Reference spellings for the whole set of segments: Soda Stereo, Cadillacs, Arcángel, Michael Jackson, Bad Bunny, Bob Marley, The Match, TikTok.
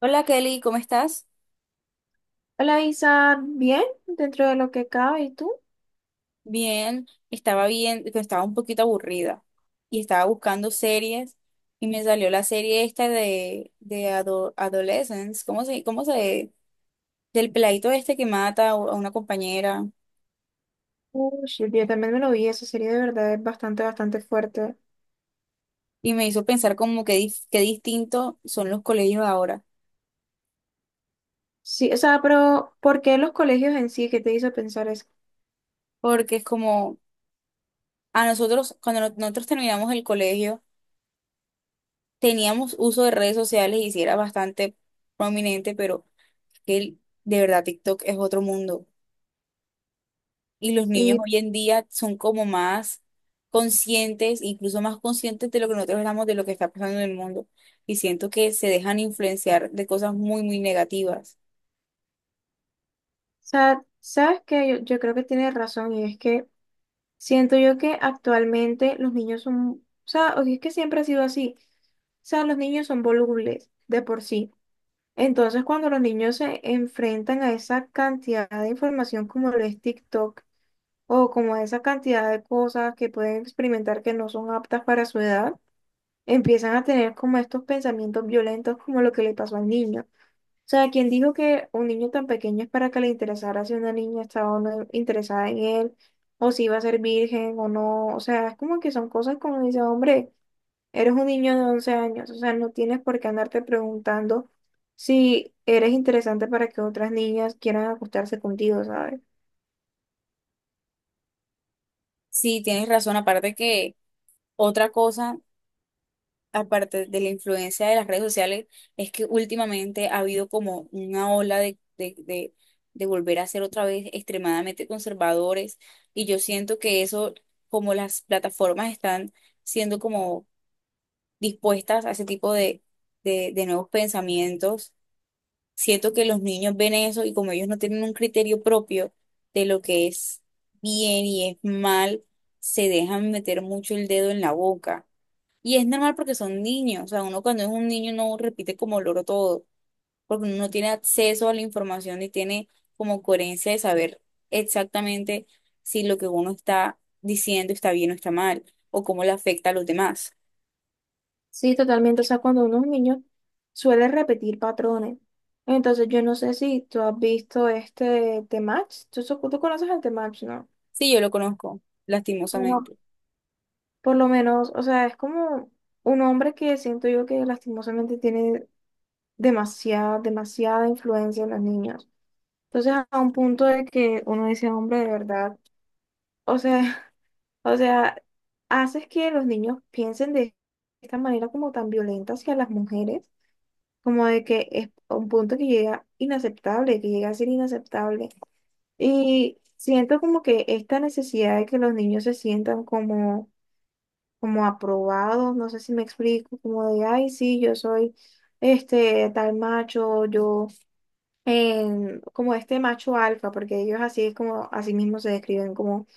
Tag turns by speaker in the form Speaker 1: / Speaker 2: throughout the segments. Speaker 1: Hola Kelly, ¿cómo estás?
Speaker 2: Hola Isa, bien, dentro de lo que cabe, ¿y tú?
Speaker 1: Bien, estaba bien, pero estaba un poquito aburrida y estaba buscando series y me salió la serie esta de Adolescence, del peladito este que mata a una compañera
Speaker 2: Uy, yo también me lo vi, esa serie de verdad es bastante, bastante fuerte.
Speaker 1: y me hizo pensar como que qué distinto son los colegios ahora,
Speaker 2: Sí, o sea, pero ¿por qué los colegios en sí? ¿Qué te hizo pensar eso?
Speaker 1: porque es como a nosotros, cuando nosotros terminamos el colegio, teníamos uso de redes sociales y sí era bastante prominente, pero de verdad TikTok es otro mundo. Y los
Speaker 2: Sí,
Speaker 1: niños
Speaker 2: o
Speaker 1: hoy en día son como más conscientes, incluso más conscientes de lo que nosotros éramos, de lo que está pasando en el mundo. Y siento que se dejan influenciar de cosas muy, muy negativas.
Speaker 2: sea, sabes que yo creo que tienes razón y es que siento yo que actualmente los niños son, o sea, o si es que siempre ha sido así, o sea, los niños son volubles de por sí. Entonces, cuando los niños se enfrentan a esa cantidad de información como lo es TikTok, o como esa cantidad de cosas que pueden experimentar que no son aptas para su edad, empiezan a tener como estos pensamientos violentos como lo que le pasó al niño. O sea, quien dijo que un niño tan pequeño es para que le interesara si una niña estaba o no interesada en él, o si iba a ser virgen o no. O sea, es como que son cosas como dice, hombre, eres un niño de 11 años, o sea, no tienes por qué andarte preguntando si eres interesante para que otras niñas quieran acostarse contigo, ¿sabes?
Speaker 1: Sí, tienes razón. Aparte que otra cosa, aparte de la influencia de las redes sociales, es que últimamente ha habido como una ola de volver a ser otra vez extremadamente conservadores. Y yo siento que eso, como las plataformas están siendo como dispuestas a ese tipo de nuevos pensamientos. Siento que los niños ven eso y como ellos no tienen un criterio propio de lo que es bien y es mal, se dejan meter mucho el dedo en la boca. Y es normal porque son niños, o sea, uno cuando es un niño no repite como loro todo, porque uno no tiene acceso a la información y tiene como coherencia de saber exactamente si lo que uno está diciendo está bien o está mal, o cómo le afecta a los demás.
Speaker 2: Sí, totalmente. O sea, cuando uno es niño suele repetir patrones. Entonces, yo no sé si tú has visto este The Match. ¿Tú conoces al The Match, ¿no?
Speaker 1: Sí, yo lo conozco,
Speaker 2: Bueno,
Speaker 1: lastimosamente.
Speaker 2: por lo menos, o sea, es como un hombre que siento yo que lastimosamente tiene demasiada, demasiada influencia en los niños. Entonces, a un punto de que uno dice, hombre, de verdad, o sea, o sea, haces que los niños piensen de esta manera como tan violenta hacia las mujeres como de que es un punto que llega inaceptable, que llega a ser inaceptable. Y siento como que esta necesidad de que los niños se sientan como, aprobados, no sé si me explico, como de, ay, sí, yo soy este tal macho, yo, como este macho alfa, porque ellos así es como, así mismo se describen como,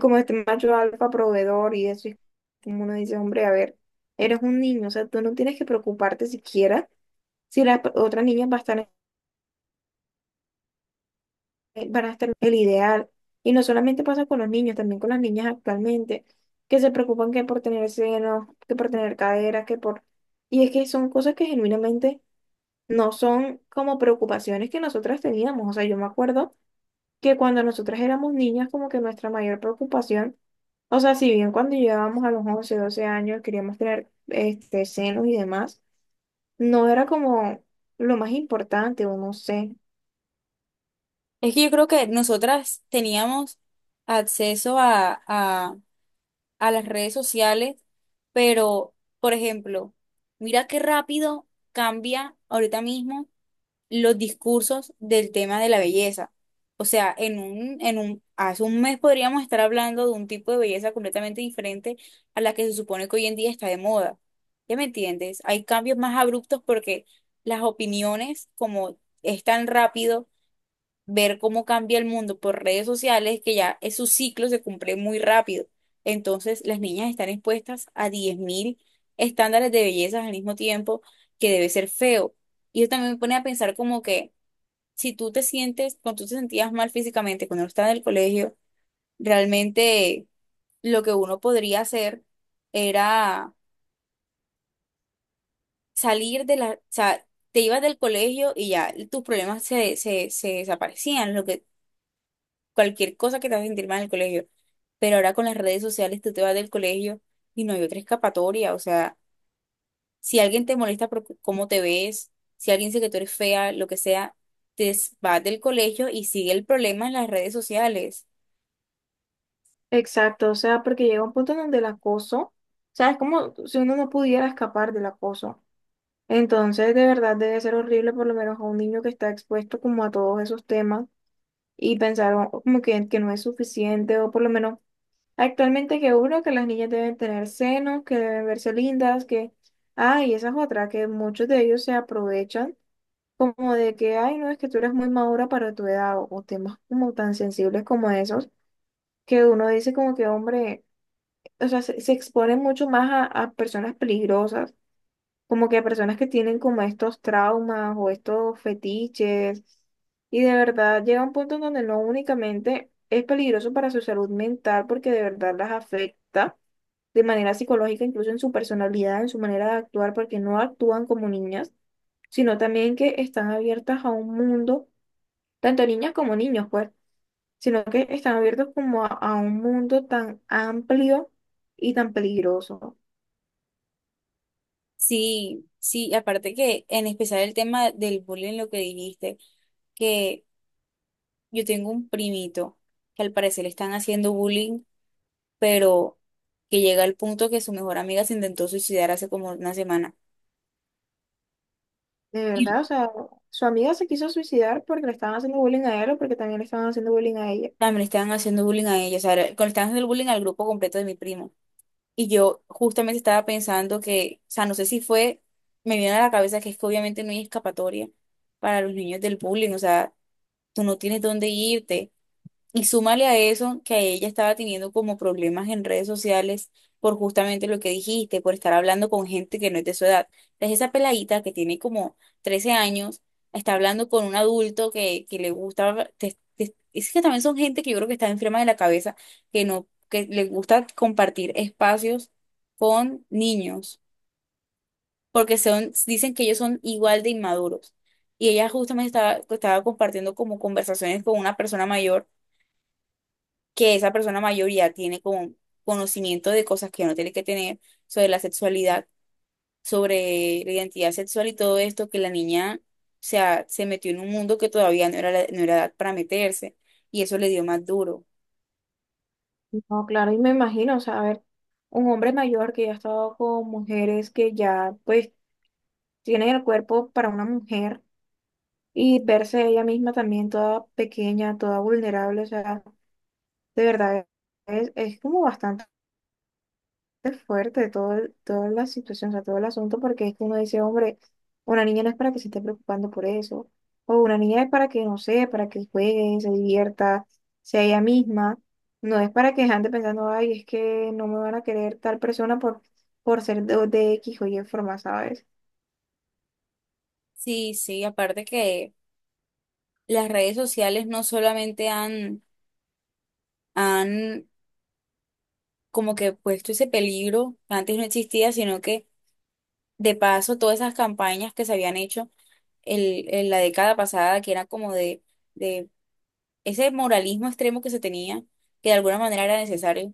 Speaker 2: este macho alfa proveedor y eso, y como uno dice, hombre, a ver, eres un niño, o sea, tú no tienes que preocuparte siquiera si otra niña va a estar van a estar el ideal. Y no solamente pasa con los niños, también con las niñas actualmente, que se preocupan que por tener senos, que por tener caderas, que por... Y es que son cosas que genuinamente no son como preocupaciones que nosotras teníamos. O sea, yo me acuerdo que cuando nosotras éramos niñas, como que nuestra mayor preocupación, o sea, si bien cuando llegábamos a los 11, 12 años queríamos tener senos y demás, no era como lo más importante, o no sé.
Speaker 1: Es que yo creo que nosotras teníamos acceso a las redes sociales, pero, por ejemplo, mira qué rápido cambia ahorita mismo los discursos del tema de la belleza. O sea, hace un mes podríamos estar hablando de un tipo de belleza completamente diferente a la que se supone que hoy en día está de moda. ¿Ya me entiendes? Hay cambios más abruptos porque las opiniones, como es tan rápido ver cómo cambia el mundo por redes sociales, que ya es su ciclo se cumple muy rápido. Entonces, las niñas están expuestas a 10.000 estándares de belleza al mismo tiempo, que debe ser feo. Y yo también me pone a pensar como que si tú te sientes, cuando tú te sentías mal físicamente, cuando no estabas en el colegio, realmente lo que uno podría hacer era salir de la, o sea, te ibas del colegio y ya tus problemas se desaparecían, lo que, cualquier cosa que te haga sentir mal en el colegio. Pero ahora con las redes sociales tú te vas del colegio y no hay otra escapatoria, o sea, si alguien te molesta por cómo te ves, si alguien dice que tú eres fea, lo que sea, te vas del colegio y sigue el problema en las redes sociales.
Speaker 2: Exacto, o sea, porque llega un punto en donde el acoso, o sea, es como si uno no pudiera escapar del acoso. Entonces, de verdad debe ser horrible por lo menos a un niño que está expuesto como a todos esos temas y pensar como que no es suficiente o por lo menos actualmente que uno, que las niñas deben tener senos, que deben verse lindas, que, ay, esa es otra, que muchos de ellos se aprovechan como de que, ay, no, es que tú eres muy madura para tu edad o temas como tan sensibles como esos que uno dice como que, hombre, o sea, se expone mucho más a personas peligrosas, como que a personas que tienen como estos traumas o estos fetiches. Y de verdad llega un punto en donde no únicamente es peligroso para su salud mental, porque de verdad las afecta de manera psicológica, incluso en su personalidad, en su manera de actuar, porque no actúan como niñas, sino también que están abiertas a un mundo, tanto niñas como niños, pues, sino que están abiertos como a un mundo tan amplio y tan peligroso.
Speaker 1: Sí, sí, aparte que en especial el tema del bullying, lo que dijiste, que yo tengo un primito que al parecer le están haciendo bullying, pero que llega al punto que su mejor amiga se intentó suicidar hace como una semana.
Speaker 2: De
Speaker 1: Y
Speaker 2: verdad, o sea, su amiga se quiso suicidar porque le estaban haciendo bullying a él o porque también le estaban haciendo bullying a ella.
Speaker 1: también le estaban haciendo bullying a ella, o sea, le estaban haciendo bullying al grupo completo de mi primo. Y yo justamente estaba pensando que, o sea, no sé si fue, me vino a la cabeza que es que obviamente no hay escapatoria para los niños del bullying, o sea, tú no tienes dónde irte. Y súmale a eso que ella estaba teniendo como problemas en redes sociales por justamente lo que dijiste, por estar hablando con gente que no es de su edad. Entonces esa peladita que tiene como 13 años está hablando con un adulto que le gusta, es que también son gente que yo creo que está enferma de la cabeza, que no, que le gusta compartir espacios con niños, porque son, dicen que ellos son igual de inmaduros. Y ella justamente estaba compartiendo como conversaciones con una persona mayor que esa persona mayoría tiene como conocimiento de cosas que no tiene que tener sobre la sexualidad, sobre la identidad sexual y todo esto, que la niña, o sea, se metió en un mundo que todavía no era, no era edad para meterse y eso le dio más duro.
Speaker 2: No, claro, y me imagino, o sea, a ver, un hombre mayor que ya ha estado con mujeres que ya, pues, tienen el cuerpo para una mujer y verse ella misma también toda pequeña, toda vulnerable, o sea, de verdad, es como bastante. Es fuerte todo, toda la situación, o sea, todo el asunto, porque es que uno dice, hombre, una niña no es para que se esté preocupando por eso, o una niña es para que, no sé, para que juegue, se divierta, sea ella misma, no es para que ande pensando, ay, es que no me van a querer tal persona por ser de X o Y forma, ¿sabes?
Speaker 1: Sí, sí, aparte que las redes sociales no solamente han como que puesto ese peligro que antes no existía, sino que de paso todas esas campañas que se habían hecho en la década pasada, que era como de, ese moralismo extremo que se tenía, que de alguna manera era necesario,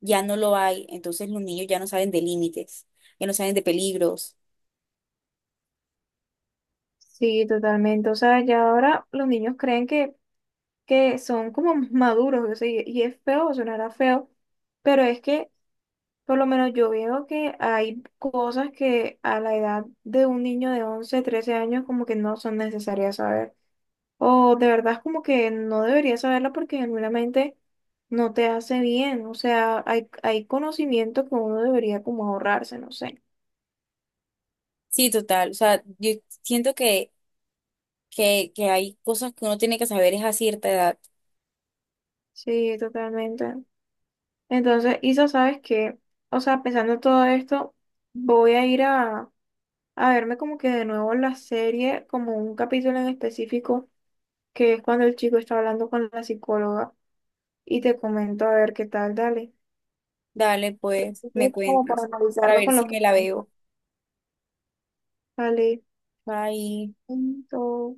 Speaker 1: ya no lo hay. Entonces los niños ya no saben de límites, ya no saben de peligros.
Speaker 2: Sí, totalmente, o sea, ya ahora los niños creen que son como maduros, o sea, y es feo, sonará feo, pero es que... Por lo menos yo veo que hay cosas que a la edad de un niño de 11, 13 años como que no son necesarias saber. O de verdad es como que no deberías saberla porque genuinamente no te hace bien. O sea, hay conocimiento que uno debería como ahorrarse, no sé.
Speaker 1: Sí, total. O sea, yo siento que hay cosas que uno tiene que saber es a cierta edad.
Speaker 2: Sí, totalmente. Entonces, Isa, sabes que, o sea, pensando en todo esto, voy a ir a verme como que de nuevo la serie, como un capítulo en específico que es cuando el chico está hablando con la psicóloga y te comento a ver qué tal, dale.
Speaker 1: Dale, pues, me
Speaker 2: Entonces, como para
Speaker 1: cuentas, para
Speaker 2: analizarlo
Speaker 1: ver
Speaker 2: con lo
Speaker 1: si
Speaker 2: que...
Speaker 1: me la veo.
Speaker 2: Dale,
Speaker 1: Bye.
Speaker 2: punto.